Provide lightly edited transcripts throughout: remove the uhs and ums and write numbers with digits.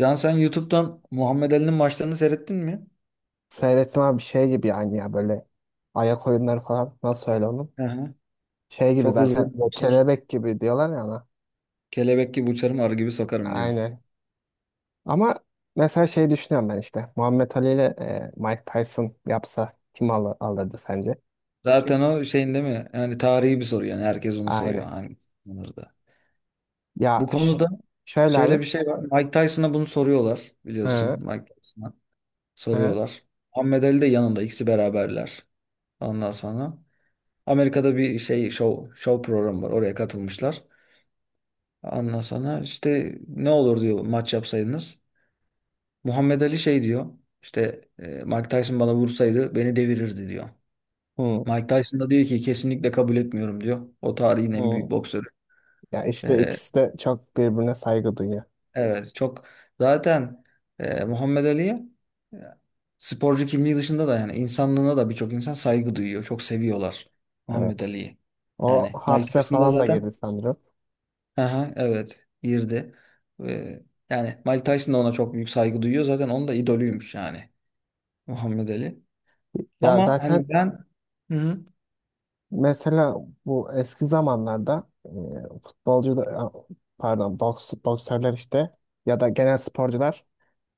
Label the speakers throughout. Speaker 1: Can sen YouTube'dan Muhammed Ali'nin maçlarını seyrettin mi?
Speaker 2: Seyrettim abi şey gibi yani ya böyle ayak oyunları falan nasıl öyle onun?
Speaker 1: Hı hı.
Speaker 2: Şey gibi
Speaker 1: Çok
Speaker 2: zaten
Speaker 1: hızlı bir boksör.
Speaker 2: kelebek gibi diyorlar ya ona.
Speaker 1: Kelebek gibi uçarım, arı gibi sokarım diyor.
Speaker 2: Aynen. Ama mesela şey düşünüyorum ben işte Muhammed Ali ile Mike Tyson yapsa kim alır, alırdı sence? Çünkü
Speaker 1: Zaten o şeyin değil mi? Yani tarihi bir soru yani. Herkes onu soruyor.
Speaker 2: aynen.
Speaker 1: Hangi sınırda? Bu
Speaker 2: Ya ş-
Speaker 1: konuda
Speaker 2: Şöyle
Speaker 1: şöyle
Speaker 2: abi.
Speaker 1: bir şey var. Mike Tyson'a bunu soruyorlar. Biliyorsun
Speaker 2: Hı,
Speaker 1: Mike Tyson'a
Speaker 2: hı,
Speaker 1: soruyorlar. Muhammed Ali de yanında. İkisi beraberler. Ondan sonra Amerika'da bir şey show programı var. Oraya katılmışlar. Ondan sonra işte ne olur diyor maç yapsaydınız. Muhammed Ali şey diyor. İşte Mike Tyson bana vursaydı beni devirirdi diyor.
Speaker 2: hı,
Speaker 1: Mike Tyson da diyor ki kesinlikle kabul etmiyorum diyor. O tarihin en
Speaker 2: hı.
Speaker 1: büyük boksörü.
Speaker 2: Ya işte
Speaker 1: E,
Speaker 2: ikisi de çok birbirine saygı duyuyor.
Speaker 1: evet çok zaten Muhammed Ali'ye e, sporcu kimliği dışında da yani insanlığına da birçok insan saygı duyuyor. Çok seviyorlar Muhammed
Speaker 2: Evet.
Speaker 1: Ali'yi.
Speaker 2: O
Speaker 1: Yani Mike
Speaker 2: hapse
Speaker 1: Tyson da
Speaker 2: falan da
Speaker 1: zaten
Speaker 2: girdi sanırım.
Speaker 1: aha, evet girdi. E, yani Mike Tyson da ona çok büyük saygı duyuyor. Zaten onun da idolüymüş yani Muhammed Ali.
Speaker 2: Ya
Speaker 1: Ama
Speaker 2: zaten
Speaker 1: hani ben. Hı hı.
Speaker 2: mesela bu eski zamanlarda pardon boksörler işte ya da genel sporcular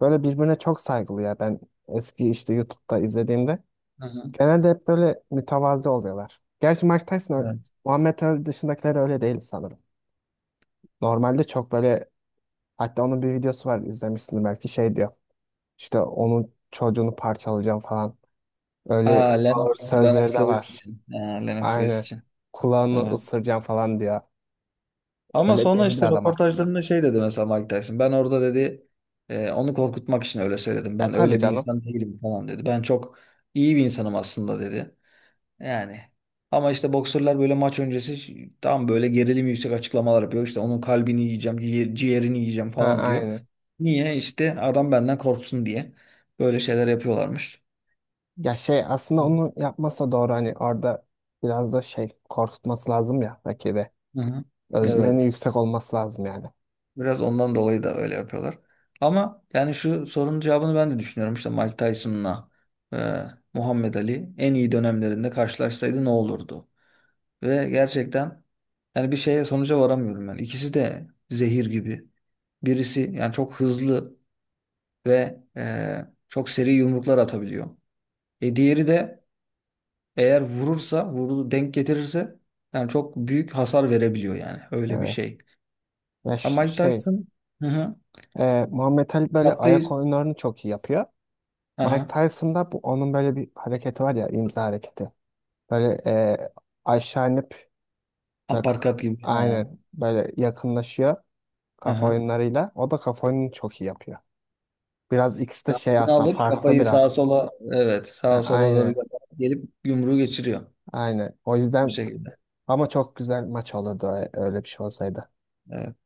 Speaker 2: böyle birbirine çok saygılı ya ben eski işte YouTube'da izlediğimde
Speaker 1: Hı hı.
Speaker 2: genelde hep böyle mütevazı oluyorlar. Gerçi Mike Tyson ö-
Speaker 1: Evet.
Speaker 2: Muhammed Ali dışındakiler öyle değil sanırım. Normalde çok böyle hatta onun bir videosu var izlemişsin belki şey diyor işte onun çocuğunu parçalayacağım falan
Speaker 1: Aa,
Speaker 2: öyle ağır
Speaker 1: Lennox,
Speaker 2: sözleri
Speaker 1: Lennox
Speaker 2: de
Speaker 1: Lewis
Speaker 2: var.
Speaker 1: için. Aa, Lennox Lewis
Speaker 2: Aynen
Speaker 1: için.
Speaker 2: kulağını
Speaker 1: Evet.
Speaker 2: ısıracağım falan diyor.
Speaker 1: Ama
Speaker 2: Öyle
Speaker 1: sonra
Speaker 2: deli bir
Speaker 1: işte
Speaker 2: adam aslında.
Speaker 1: röportajlarında şey dedi mesela Mike Tyson. Ben orada dedi onu korkutmak için öyle söyledim.
Speaker 2: Ya
Speaker 1: Ben
Speaker 2: tabii
Speaker 1: öyle bir
Speaker 2: canım.
Speaker 1: insan değilim falan dedi. Ben çok iyi bir insanım aslında dedi. Yani ama işte boksörler böyle maç öncesi tam böyle gerilim yüksek açıklamalar yapıyor. İşte onun kalbini yiyeceğim, ciğerini yiyeceğim
Speaker 2: Ha
Speaker 1: falan diyor.
Speaker 2: aynı.
Speaker 1: Niye? İşte adam benden korksun diye böyle şeyler yapıyorlarmış.
Speaker 2: Ya şey aslında onu yapmasa doğru hani orada biraz da şey korkutması lazım ya rakibi.
Speaker 1: Hı hı.
Speaker 2: Özgüveni
Speaker 1: Evet.
Speaker 2: yüksek olması lazım yani.
Speaker 1: Biraz ondan dolayı da öyle yapıyorlar. Ama yani şu sorunun cevabını ben de düşünüyorum. İşte Mike Tyson'la e, Muhammed Ali en iyi dönemlerinde karşılaşsaydı ne olurdu? Ve gerçekten yani bir şeye sonuca varamıyorum ben. İkisi de zehir gibi. Birisi yani çok hızlı ve çok seri yumruklar atabiliyor. E diğeri de eğer vurursa, vurdu denk getirirse yani çok büyük hasar verebiliyor yani. Öyle bir
Speaker 2: Evet.
Speaker 1: şey.
Speaker 2: Ya
Speaker 1: Ama
Speaker 2: ş-
Speaker 1: Mike
Speaker 2: şey
Speaker 1: Tyson. Hı hı.
Speaker 2: Muhammed Ali böyle
Speaker 1: Katlı
Speaker 2: ayak oyunlarını çok iyi yapıyor. Mike
Speaker 1: aha
Speaker 2: Tyson'da bu onun böyle bir hareketi var ya imza hareketi. Böyle aşağı inip bak
Speaker 1: aparkat gibi. Ha.
Speaker 2: aynen böyle yakınlaşıyor kafa
Speaker 1: Aha.
Speaker 2: oyunlarıyla. O da kafa oyununu çok iyi yapıyor. Biraz ikisi de şey
Speaker 1: Kaftını
Speaker 2: aslında
Speaker 1: alıp
Speaker 2: farklı
Speaker 1: kafayı sağa
Speaker 2: biraz.
Speaker 1: sola evet sağa sola doğru
Speaker 2: Aynen.
Speaker 1: yaparak gelip yumruğu geçiriyor
Speaker 2: Aynen. O
Speaker 1: bu
Speaker 2: yüzden
Speaker 1: şekilde.
Speaker 2: ama çok güzel maç olurdu öyle bir şey olsaydı.
Speaker 1: Evet.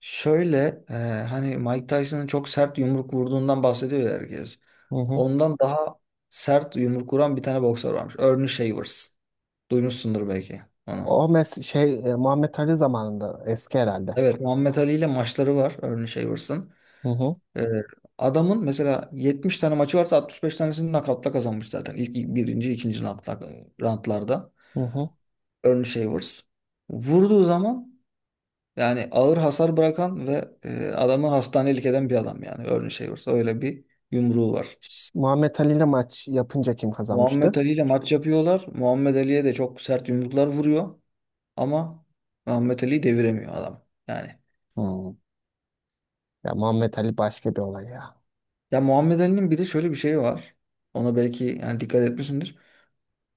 Speaker 1: Şöyle hani Mike Tyson'ın çok sert yumruk vurduğundan bahsediyor ya herkes.
Speaker 2: Hı hı.
Speaker 1: Ondan daha sert yumruk vuran bir tane boksör varmış. Ernie Shavers. Duymuşsundur belki onu.
Speaker 2: O mes şey Muhammed Ali zamanında eski herhalde.
Speaker 1: Evet Muhammed Ali ile maçları var Ernie Shavers'ın.
Speaker 2: Hı hı.
Speaker 1: Ee, adamın mesela 70 tane maçı varsa 65 tanesini nakavtla kazanmış zaten. İlk birinci, ikinci nakavtla roundlarda.
Speaker 2: Hı hı.
Speaker 1: Ernie Shavers. Vurduğu zaman yani ağır hasar bırakan ve adamı hastanelik eden bir adam yani Ernie Shavers. Öyle bir yumruğu var.
Speaker 2: Muhammed Ali ile maç yapınca kim
Speaker 1: Muhammed
Speaker 2: kazanmıştı?
Speaker 1: Ali ile maç yapıyorlar. Muhammed Ali'ye de çok sert yumruklar vuruyor. Ama Muhammed Ali deviremiyor adam. Yani
Speaker 2: Hmm. Ya Muhammed Ali başka bir olay ya.
Speaker 1: ya Muhammed Ali'nin bir de şöyle bir şey var. Ona belki yani dikkat etmişsindir.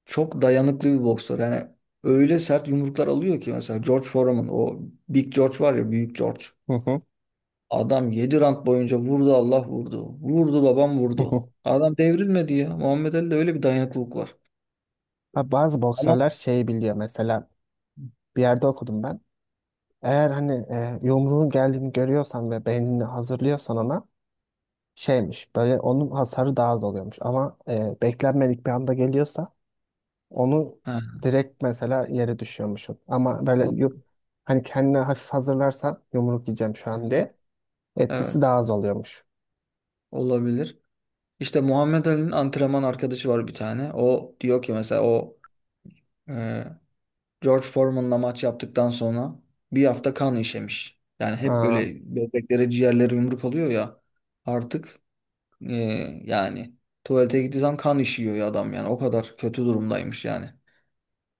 Speaker 1: Çok dayanıklı bir boksör. Yani öyle sert yumruklar alıyor ki mesela George Foreman o Big George var ya Büyük George.
Speaker 2: Hı hı.
Speaker 1: Adam 7 round boyunca vurdu Allah vurdu. Vurdu babam
Speaker 2: Hı
Speaker 1: vurdu.
Speaker 2: hı.
Speaker 1: Adam devrilmedi ya. Muhammed Ali'de öyle bir dayanıklılık var.
Speaker 2: Ha, bazı
Speaker 1: Ama
Speaker 2: boksörler şeyi biliyor mesela bir yerde okudum ben. Eğer hani yumruğun geldiğini görüyorsan ve beynini hazırlıyorsan ona şeymiş böyle onun hasarı daha az oluyormuş ama beklenmedik bir anda geliyorsa onu
Speaker 1: ha,
Speaker 2: direkt mesela yere düşüyormuşum.
Speaker 1: o-
Speaker 2: Hani kendine hafif hazırlarsan yumruk yiyeceğim şu an
Speaker 1: Hı.
Speaker 2: diye etkisi daha
Speaker 1: Evet
Speaker 2: az oluyormuş.
Speaker 1: olabilir. İşte Muhammed Ali'nin antrenman arkadaşı var bir tane. O diyor ki mesela o George Foreman'la maç yaptıktan sonra bir hafta kan işemiş. Yani hep
Speaker 2: Aa,
Speaker 1: böyle bebeklere ciğerleri yumruk alıyor ya artık e, yani tuvalete gittiği zaman kan işiyor ya adam yani o kadar kötü durumdaymış yani.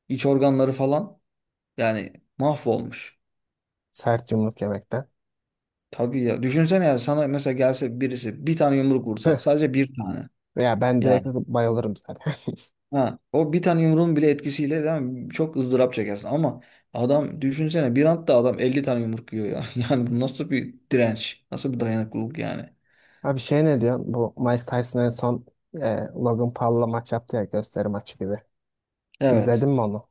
Speaker 1: İç organları falan yani mahvolmuş.
Speaker 2: sert yumruk yemekten.
Speaker 1: Tabii ya düşünsene ya sana mesela gelse birisi bir tane yumruk vursa
Speaker 2: Püh.
Speaker 1: sadece bir tane.
Speaker 2: Ya ben direkt
Speaker 1: Yani
Speaker 2: bayılırım zaten.
Speaker 1: ha, o bir tane yumruğun bile etkisiyle değil mi? Çok ızdırap çekersin ama adam düşünsene bir anda adam 50 tane yumruk yiyor ya. Yani bu nasıl bir direnç? Nasıl bir dayanıklılık yani?
Speaker 2: Abi şey ne diyorsun? Bu Mike Tyson en son e, Logan Paul'la maç yaptı ya gösteri maçı gibi. İzledin
Speaker 1: Evet.
Speaker 2: mi onu?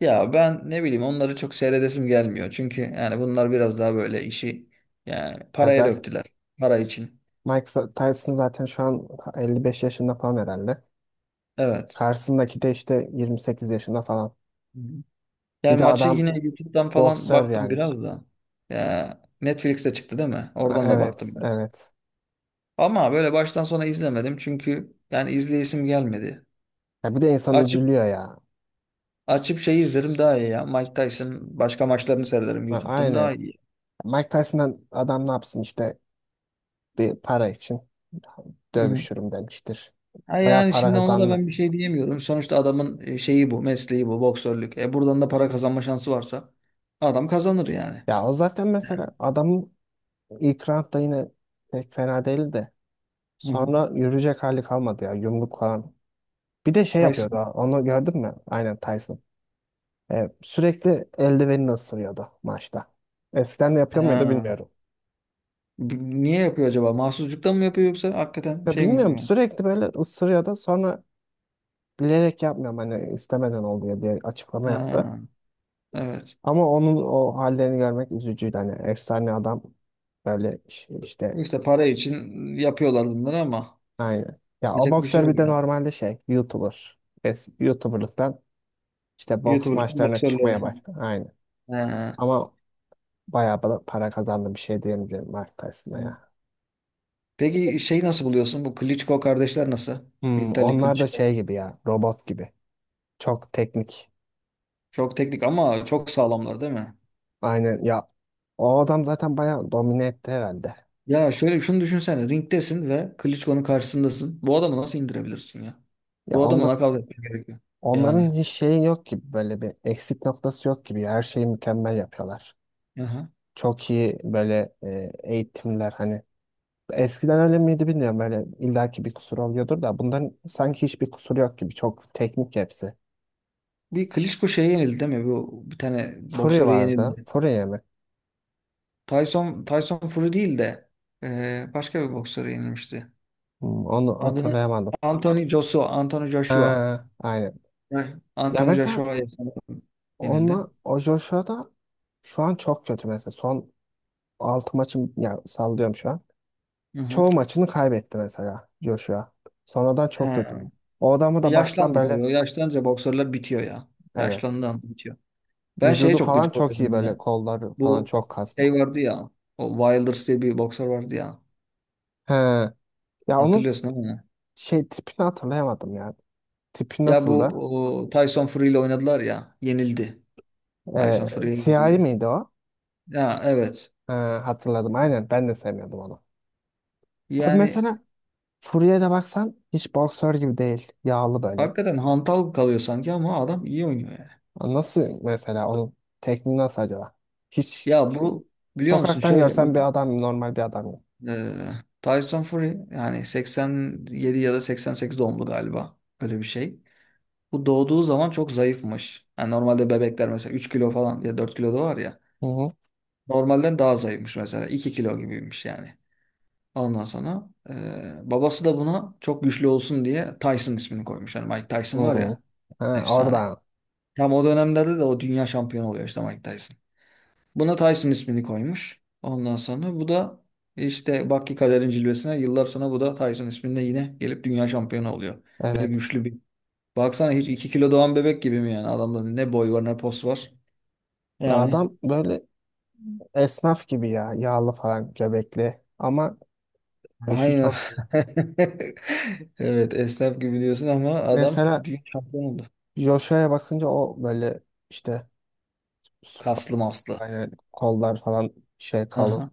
Speaker 1: Ya ben ne bileyim onları çok seyredesim gelmiyor. Çünkü yani bunlar biraz daha böyle işi yani
Speaker 2: Ya
Speaker 1: paraya
Speaker 2: zaten
Speaker 1: döktüler. Para için.
Speaker 2: Mike Tyson zaten şu an 55 yaşında falan herhalde.
Speaker 1: Evet.
Speaker 2: Karşısındaki de işte 28 yaşında falan.
Speaker 1: Hı hı.
Speaker 2: Bir
Speaker 1: Yani
Speaker 2: de
Speaker 1: maçı
Speaker 2: adam
Speaker 1: yine YouTube'dan falan
Speaker 2: boksör
Speaker 1: baktım
Speaker 2: yani.
Speaker 1: biraz da. Ya Netflix'te çıktı değil mi? Oradan da baktım
Speaker 2: Evet,
Speaker 1: biraz.
Speaker 2: evet.
Speaker 1: Ama böyle baştan sona izlemedim çünkü yani izleyesim gelmedi.
Speaker 2: Ya bir de insan üzülüyor ya.
Speaker 1: Açıp şey izlerim daha iyi ya. Mike Tyson başka maçlarını seyrederim YouTube'dan
Speaker 2: Aynen.
Speaker 1: daha iyi.
Speaker 2: Mike Tyson'dan adam ne yapsın işte bir para için
Speaker 1: Hı hı.
Speaker 2: dövüşürüm demiştir.
Speaker 1: Ha
Speaker 2: Bayağı
Speaker 1: yani
Speaker 2: para
Speaker 1: şimdi ona da
Speaker 2: kazandı.
Speaker 1: ben bir şey diyemiyorum. Sonuçta adamın şeyi bu, mesleği bu, boksörlük. E buradan da para kazanma şansı varsa adam kazanır yani.
Speaker 2: Ya o zaten mesela adamın ilk roundda yine pek fena değildi de.
Speaker 1: Hı hı.
Speaker 2: Sonra yürüyecek hali kalmadı ya yumruk falan. Bir de şey yapıyordu
Speaker 1: Tyson.
Speaker 2: ha, onu gördün mü? Aynen Tyson. E, sürekli eldivenini ısırıyordu maçta. Eskiden de yapıyor muydu
Speaker 1: Ha.
Speaker 2: bilmiyorum.
Speaker 1: B- Niye yapıyor acaba? Mahsuzluktan mı yapıyor yoksa hakikaten
Speaker 2: Ya
Speaker 1: şey mi
Speaker 2: bilmiyorum
Speaker 1: yapıyor?
Speaker 2: sürekli böyle ısırıyordu sonra bilerek yapmıyorum hani istemeden oldu ya bir açıklama yaptı.
Speaker 1: Ha. Evet.
Speaker 2: Ama onun o hallerini görmek üzücüydü hani efsane adam böyle işte
Speaker 1: İşte para için yapıyorlar bunları ama
Speaker 2: aynı. Ya o
Speaker 1: yapacak bir şey
Speaker 2: boksör bir
Speaker 1: yok
Speaker 2: de
Speaker 1: ya.
Speaker 2: normalde şey YouTuber. YouTuber'lıktan işte boks
Speaker 1: YouTuber'lıktan
Speaker 2: maçlarına çıkmaya
Speaker 1: boksörlüğe.
Speaker 2: başladı. Aynı. Ama bayağı bana para kazandı bir şey diyebilirim Mike Tyson'a
Speaker 1: Ha.
Speaker 2: ya.
Speaker 1: Peki şeyi nasıl buluyorsun? Bu Klitschko kardeşler nasıl?
Speaker 2: Hmm,
Speaker 1: Vitali
Speaker 2: onlar da
Speaker 1: Klitschko.
Speaker 2: şey gibi ya robot gibi. Çok teknik.
Speaker 1: Çok teknik ama çok sağlamlar değil mi?
Speaker 2: Aynen ya o adam zaten bayağı domine etti herhalde.
Speaker 1: Ya şöyle şunu düşünsene. Ringdesin ve Klitschko'nun karşısındasın. Bu adamı nasıl indirebilirsin ya?
Speaker 2: Ya
Speaker 1: Bu adamı
Speaker 2: onlar,
Speaker 1: nakavt etmen gerekiyor. Yani.
Speaker 2: onların hiç şeyi yok gibi böyle bir eksik noktası yok gibi her şeyi mükemmel yapıyorlar.
Speaker 1: Aha.
Speaker 2: Çok iyi böyle eğitimler hani eskiden öyle miydi bilmiyorum böyle illaki bir kusur oluyordur da bunların sanki hiçbir kusur yok gibi çok teknik hepsi.
Speaker 1: Bir Klitschko şeye yenildi değil mi? Bu bir tane
Speaker 2: Fury
Speaker 1: boksöre
Speaker 2: vardı.
Speaker 1: yenildi.
Speaker 2: Fury mi?
Speaker 1: Tyson Fury değil de başka bir boksöre yenilmişti.
Speaker 2: Hmm, onu
Speaker 1: Adını
Speaker 2: hatırlayamadım.
Speaker 1: Anthony Joshua.
Speaker 2: Ha, aynen.
Speaker 1: Heh.
Speaker 2: Ya
Speaker 1: Anthony
Speaker 2: mesela
Speaker 1: Joshua yenildi.
Speaker 2: onunla o Joshua da şu an çok kötü mesela son 6 maçım ya sallıyorum şu an.
Speaker 1: Hı hı.
Speaker 2: Çoğu maçını kaybetti mesela Joshua. Sonradan çok kötü oldu.
Speaker 1: He.
Speaker 2: O adamı da baksan
Speaker 1: Yaşlandı tabii.
Speaker 2: böyle
Speaker 1: O yaşlanınca boksörler bitiyor ya.
Speaker 2: evet.
Speaker 1: Yaşlandığı anda bitiyor. Ben şeye
Speaker 2: Vücudu
Speaker 1: çok
Speaker 2: falan
Speaker 1: gıcık
Speaker 2: çok iyi
Speaker 1: oluyorum
Speaker 2: böyle
Speaker 1: ya.
Speaker 2: kolları falan
Speaker 1: Bu
Speaker 2: çok kaslı.
Speaker 1: şey vardı ya. O Wilders diye bir boksör vardı ya.
Speaker 2: He. Ya onun
Speaker 1: Hatırlıyorsun değil mi?
Speaker 2: şey tipini hatırlayamadım ya. Tipi
Speaker 1: Ya bu
Speaker 2: nasıldı?
Speaker 1: o, Tyson Fury ile oynadılar ya. Yenildi.
Speaker 2: Ee,
Speaker 1: Tyson Fury'ye
Speaker 2: siyahi
Speaker 1: yenildi.
Speaker 2: miydi o?
Speaker 1: Ya evet.
Speaker 2: Hatırladım aynen ben de sevmiyordum onu. Abi
Speaker 1: Yani
Speaker 2: mesela Fury'e de baksan hiç boksör gibi değil. Yağlı böyle.
Speaker 1: hakikaten hantal kalıyor sanki ama adam iyi oynuyor yani.
Speaker 2: Ya nasıl mesela onun tekniği nasıl acaba? Hiç
Speaker 1: Ya bu biliyor musun
Speaker 2: sokaktan
Speaker 1: şöyle bu
Speaker 2: görsen bir adam normal bir adam gibi.
Speaker 1: e, Tyson Fury yani 87 ya da 88 doğumlu galiba. Öyle bir şey. Bu doğduğu zaman çok zayıfmış. Yani normalde bebekler mesela 3 kilo falan ya 4 kilo da var ya.
Speaker 2: Hı hı.
Speaker 1: Normalden daha zayıfmış mesela. 2 kilo gibiymiş yani. Ondan sonra babası da buna çok güçlü olsun diye Tyson ismini koymuş. Yani Mike Tyson var
Speaker 2: Hmm.
Speaker 1: ya
Speaker 2: Ha,
Speaker 1: efsane.
Speaker 2: oradan.
Speaker 1: Tam o dönemlerde de o dünya şampiyonu oluyor işte Mike Tyson. Buna Tyson ismini koymuş. Ondan sonra bu da işte bak ki kaderin cilvesine yıllar sonra bu da Tyson isminde yine gelip dünya şampiyonu oluyor. Ve
Speaker 2: Evet.
Speaker 1: güçlü bir. Baksana hiç 2 kilo doğan bebek gibi mi yani? Adamda ne boy var ne pos var.
Speaker 2: Ya
Speaker 1: Yani
Speaker 2: adam böyle esnaf gibi ya. Yağlı falan göbekli. Ama dövüşü
Speaker 1: aynen.
Speaker 2: çok iyi.
Speaker 1: Evet esnaf gibi diyorsun ama adam
Speaker 2: Mesela
Speaker 1: büyük şampiyon oldu.
Speaker 2: Joshua'ya bakınca o böyle işte
Speaker 1: Kaslı maslı.
Speaker 2: yani kollar falan şey kalın.
Speaker 1: Aha.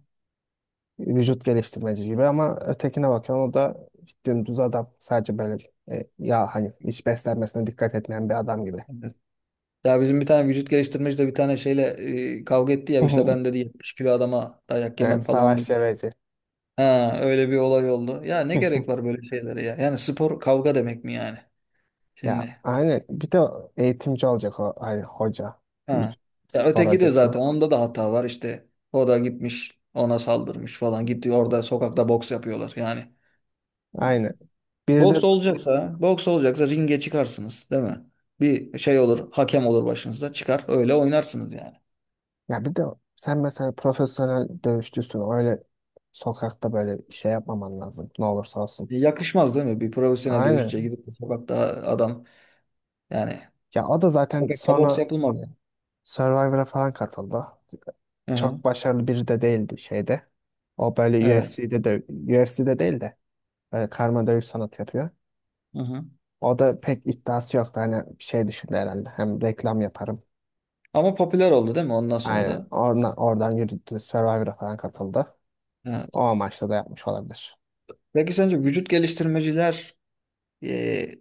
Speaker 2: Vücut geliştirmeci gibi ama ötekine bakıyorsun o da dümdüz adam. Sadece böyle ya hani hiç beslenmesine dikkat etmeyen bir adam gibi.
Speaker 1: Evet. Ya bizim bir tane vücut geliştirmeci de bir tane şeyle kavga etti ya işte ben dedi 70 kilo adama dayak yemem
Speaker 2: Evet,
Speaker 1: falan
Speaker 2: savaş
Speaker 1: dedi.
Speaker 2: seveci.
Speaker 1: Ha öyle bir olay oldu. Ya ne gerek var böyle şeylere ya? Yani spor kavga demek mi yani?
Speaker 2: Ya
Speaker 1: Şimdi.
Speaker 2: aynen bir de eğitimci olacak hoca.
Speaker 1: Ha.
Speaker 2: Bir
Speaker 1: Ya
Speaker 2: spor
Speaker 1: öteki de
Speaker 2: hocası.
Speaker 1: zaten onda da hata var işte. O da gitmiş ona saldırmış falan. Gitti orada sokakta boks yapıyorlar yani.
Speaker 2: Aynen. Bir de
Speaker 1: Boks olacaksa, ringe çıkarsınız değil mi? Bir şey olur, hakem olur başınızda çıkar öyle oynarsınız yani.
Speaker 2: ya bir de sen mesela profesyonel dövüşçüsün. Öyle sokakta böyle şey yapmaman lazım. Ne olursa olsun.
Speaker 1: Yakışmaz değil mi? Bir profesyonel dövüşçüye
Speaker 2: Aynen.
Speaker 1: gidip de sokakta adam yani
Speaker 2: Ya o da zaten
Speaker 1: sokakta boks
Speaker 2: sonra
Speaker 1: yapılmaz yani.
Speaker 2: Survivor'a falan katıldı.
Speaker 1: Hı hı.
Speaker 2: Çok başarılı biri de değildi şeyde. O böyle
Speaker 1: Evet.
Speaker 2: UFC'de de UFC'de değil de böyle karma dövüş sanatı yapıyor.
Speaker 1: Hı hı.
Speaker 2: O da pek iddiası yoktu. Hani şey düşündü herhalde. Hem reklam yaparım.
Speaker 1: Ama popüler oldu değil mi ondan sonra
Speaker 2: Aynen.
Speaker 1: da?
Speaker 2: Oradan yürüdü. Survivor'a falan katıldı. O
Speaker 1: Evet.
Speaker 2: amaçla da yapmış olabilir.
Speaker 1: Peki sence vücut geliştirmeciler e,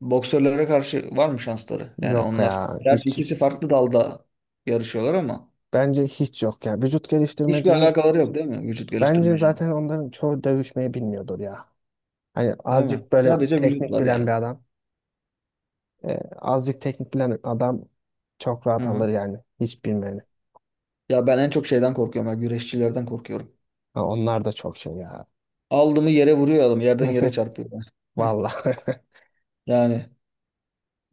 Speaker 1: boksörlere karşı var mı şansları? Yani
Speaker 2: Yok
Speaker 1: onlar
Speaker 2: ya.
Speaker 1: gerçi
Speaker 2: Hiç.
Speaker 1: ikisi farklı dalda yarışıyorlar ama
Speaker 2: Bence hiç yok ya. Vücut
Speaker 1: hiçbir
Speaker 2: geliştirmecinin
Speaker 1: alakaları yok değil mi vücut
Speaker 2: bence
Speaker 1: geliştirmecinin?
Speaker 2: zaten onların çoğu dövüşmeyi bilmiyordur ya. Hani
Speaker 1: Değil mi?
Speaker 2: azıcık böyle
Speaker 1: Sadece vücut
Speaker 2: teknik
Speaker 1: var yani.
Speaker 2: bilen bir adam. Azıcık teknik bilen adam çok
Speaker 1: Hı
Speaker 2: rahat alır
Speaker 1: hı.
Speaker 2: yani. Hiç bilmeyeni.
Speaker 1: Ya ben en çok şeyden korkuyorum. Ya, güreşçilerden korkuyorum.
Speaker 2: Ha, onlar da çok şey ya.
Speaker 1: Aldığımı yere vuruyor adam. Yerden yere çarpıyor.
Speaker 2: Vallahi.
Speaker 1: Yani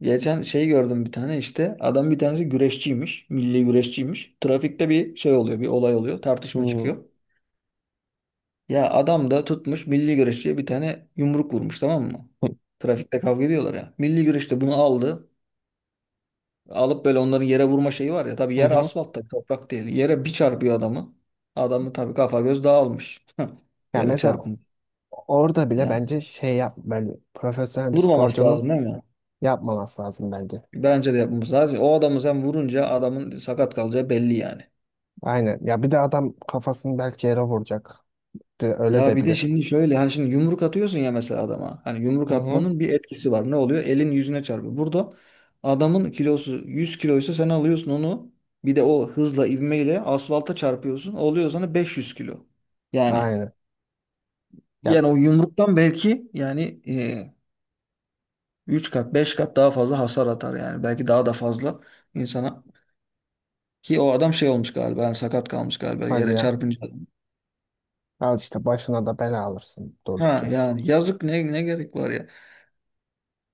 Speaker 1: geçen şey gördüm bir tane işte. Adam bir tanesi güreşçiymiş. Milli güreşçiymiş. Trafikte bir şey oluyor. Bir olay oluyor. Tartışma
Speaker 2: Hmm.
Speaker 1: çıkıyor. Ya adam da tutmuş milli güreşçiye bir tane yumruk vurmuş tamam mı? Trafikte kavga ediyorlar ya. Milli güreşte bunu aldı. Alıp böyle onların yere vurma şeyi var ya. Tabii
Speaker 2: Hı
Speaker 1: yer
Speaker 2: hı.
Speaker 1: asfalt tabii toprak değil. Yere bir çarpıyor adamı. Adamı tabii kafa göz dağılmış.
Speaker 2: Ya
Speaker 1: Yere
Speaker 2: mesela
Speaker 1: çarpın.
Speaker 2: orada bile
Speaker 1: Yani
Speaker 2: bence şey yap böyle profesyonel bir
Speaker 1: vurmaması
Speaker 2: sporcunun
Speaker 1: lazım değil mi?
Speaker 2: yapmaması lazım bence.
Speaker 1: Bence de yapmamız lazım. O adamı sen vurunca adamın sakat kalacağı belli yani.
Speaker 2: Aynen. Ya bir de adam kafasını belki yere vuracak. Öyle
Speaker 1: Ya
Speaker 2: de
Speaker 1: bir de
Speaker 2: bilir.
Speaker 1: şimdi şöyle hani şimdi yumruk atıyorsun ya mesela adama. Hani yumruk
Speaker 2: Hı hı.
Speaker 1: atmanın bir etkisi var. Ne oluyor? Elin yüzüne çarpıyor. Burada adamın kilosu 100 kiloysa sen alıyorsun onu. Bir de o hızla ivmeyle asfalta çarpıyorsun. Oluyor sana 500 kilo. Yani
Speaker 2: Aynen. Ya
Speaker 1: o yumruktan belki yani 3 kat 5 kat daha fazla hasar atar yani. Belki daha da fazla insana. Ki o adam şey olmuş galiba. Yani sakat kalmış galiba
Speaker 2: hadi
Speaker 1: yere
Speaker 2: ya.
Speaker 1: çarpınca.
Speaker 2: Al işte başına da bela alırsın durduk
Speaker 1: Ha
Speaker 2: ya.
Speaker 1: yani yazık ne gerek var.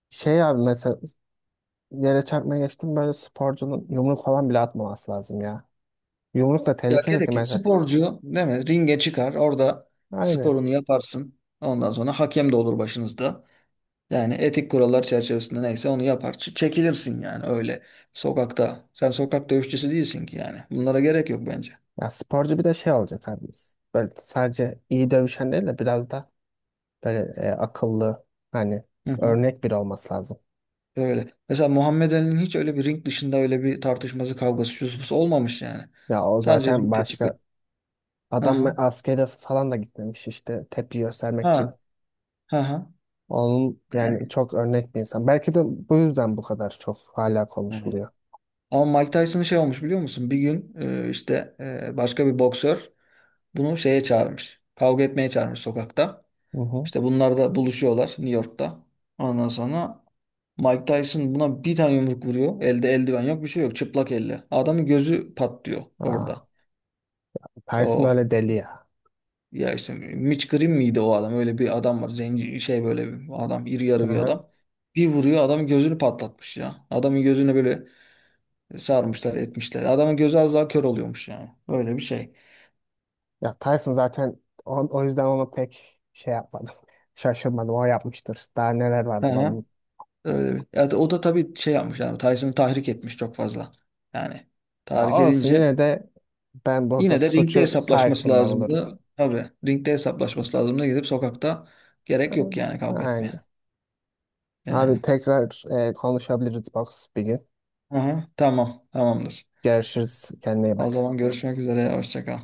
Speaker 2: Şey abi mesela yere çarpmaya geçtim böyle sporcunun yumruk falan bile atmaması lazım ya. Yumruk da
Speaker 1: Ya
Speaker 2: tehlikeli ki
Speaker 1: gerek yok.
Speaker 2: mesela.
Speaker 1: Sporcu değil mi? Ringe çıkar. Orada
Speaker 2: Aynen.
Speaker 1: sporunu yaparsın. Ondan sonra hakem de olur başınızda. Yani etik kurallar çerçevesinde neyse onu yapar. Çekilirsin yani öyle. Sokakta. Sen sokak dövüşçüsü değilsin ki yani. Bunlara gerek yok bence.
Speaker 2: Ya sporcu bir de şey olacak abi. Böyle sadece iyi dövüşen değil de biraz da böyle akıllı hani
Speaker 1: Hı hı.
Speaker 2: örnek biri olması lazım.
Speaker 1: Öyle. Mesela Muhammed Ali'nin hiç öyle bir ring dışında öyle bir tartışması, kavgası, şusu olmamış yani.
Speaker 2: Ya o
Speaker 1: Sadece
Speaker 2: zaten
Speaker 1: ringde
Speaker 2: başka
Speaker 1: çıkıp. Hı
Speaker 2: adam
Speaker 1: hı.
Speaker 2: askere falan da gitmemiş işte tepki göstermek için.
Speaker 1: Ha. Hı hı.
Speaker 2: Onun yani çok örnek bir insan. Belki de bu yüzden bu kadar çok hala
Speaker 1: Hı.
Speaker 2: konuşuluyor.
Speaker 1: Ama Mike Tyson'ın şey olmuş biliyor musun? Bir gün işte başka bir boksör bunu şeye çağırmış. Kavga etmeye çağırmış sokakta.
Speaker 2: Hı hı.
Speaker 1: İşte bunlar da buluşuyorlar New York'ta. Ondan sonra Mike Tyson buna bir tane yumruk vuruyor. Elde eldiven yok bir şey yok. Çıplak elle. Adamın gözü patlıyor
Speaker 2: Aa,
Speaker 1: orada.
Speaker 2: Tyson
Speaker 1: O
Speaker 2: öyle deli ya.
Speaker 1: ya işte Mitch Green miydi o adam? Öyle bir adam var. Zenci şey böyle bir adam. İri
Speaker 2: Hı
Speaker 1: yarı bir
Speaker 2: hı.
Speaker 1: adam. Bir vuruyor adamın gözünü patlatmış ya. Adamın gözüne böyle sarmışlar etmişler. Adamın gözü az daha kör oluyormuş yani. Öyle bir şey.
Speaker 2: Ya Tyson zaten o yüzden onu pek şey yapmadım. Şaşırmadım. O yapmıştır. Daha neler vardır
Speaker 1: He.
Speaker 2: onun.
Speaker 1: Öyle bir. Ya o da tabii şey yapmış yani Tyson'ı tahrik etmiş çok fazla. Yani
Speaker 2: Ya
Speaker 1: tahrik
Speaker 2: olsun
Speaker 1: edince
Speaker 2: yine de ben burada
Speaker 1: yine de ringde
Speaker 2: suçu
Speaker 1: hesaplaşması
Speaker 2: Tyson'da bulurum.
Speaker 1: lazımdı. Tabii ringde hesaplaşması lazımdı. Gidip sokakta gerek yok yani kavga
Speaker 2: Aynen.
Speaker 1: etmeye.
Speaker 2: Abi
Speaker 1: Yani.
Speaker 2: tekrar konuşabiliriz box bir gün.
Speaker 1: Aha, tamam tamamdır.
Speaker 2: Görüşürüz. Kendine iyi
Speaker 1: O
Speaker 2: bak.
Speaker 1: zaman görüşmek üzere. Hoşça kal.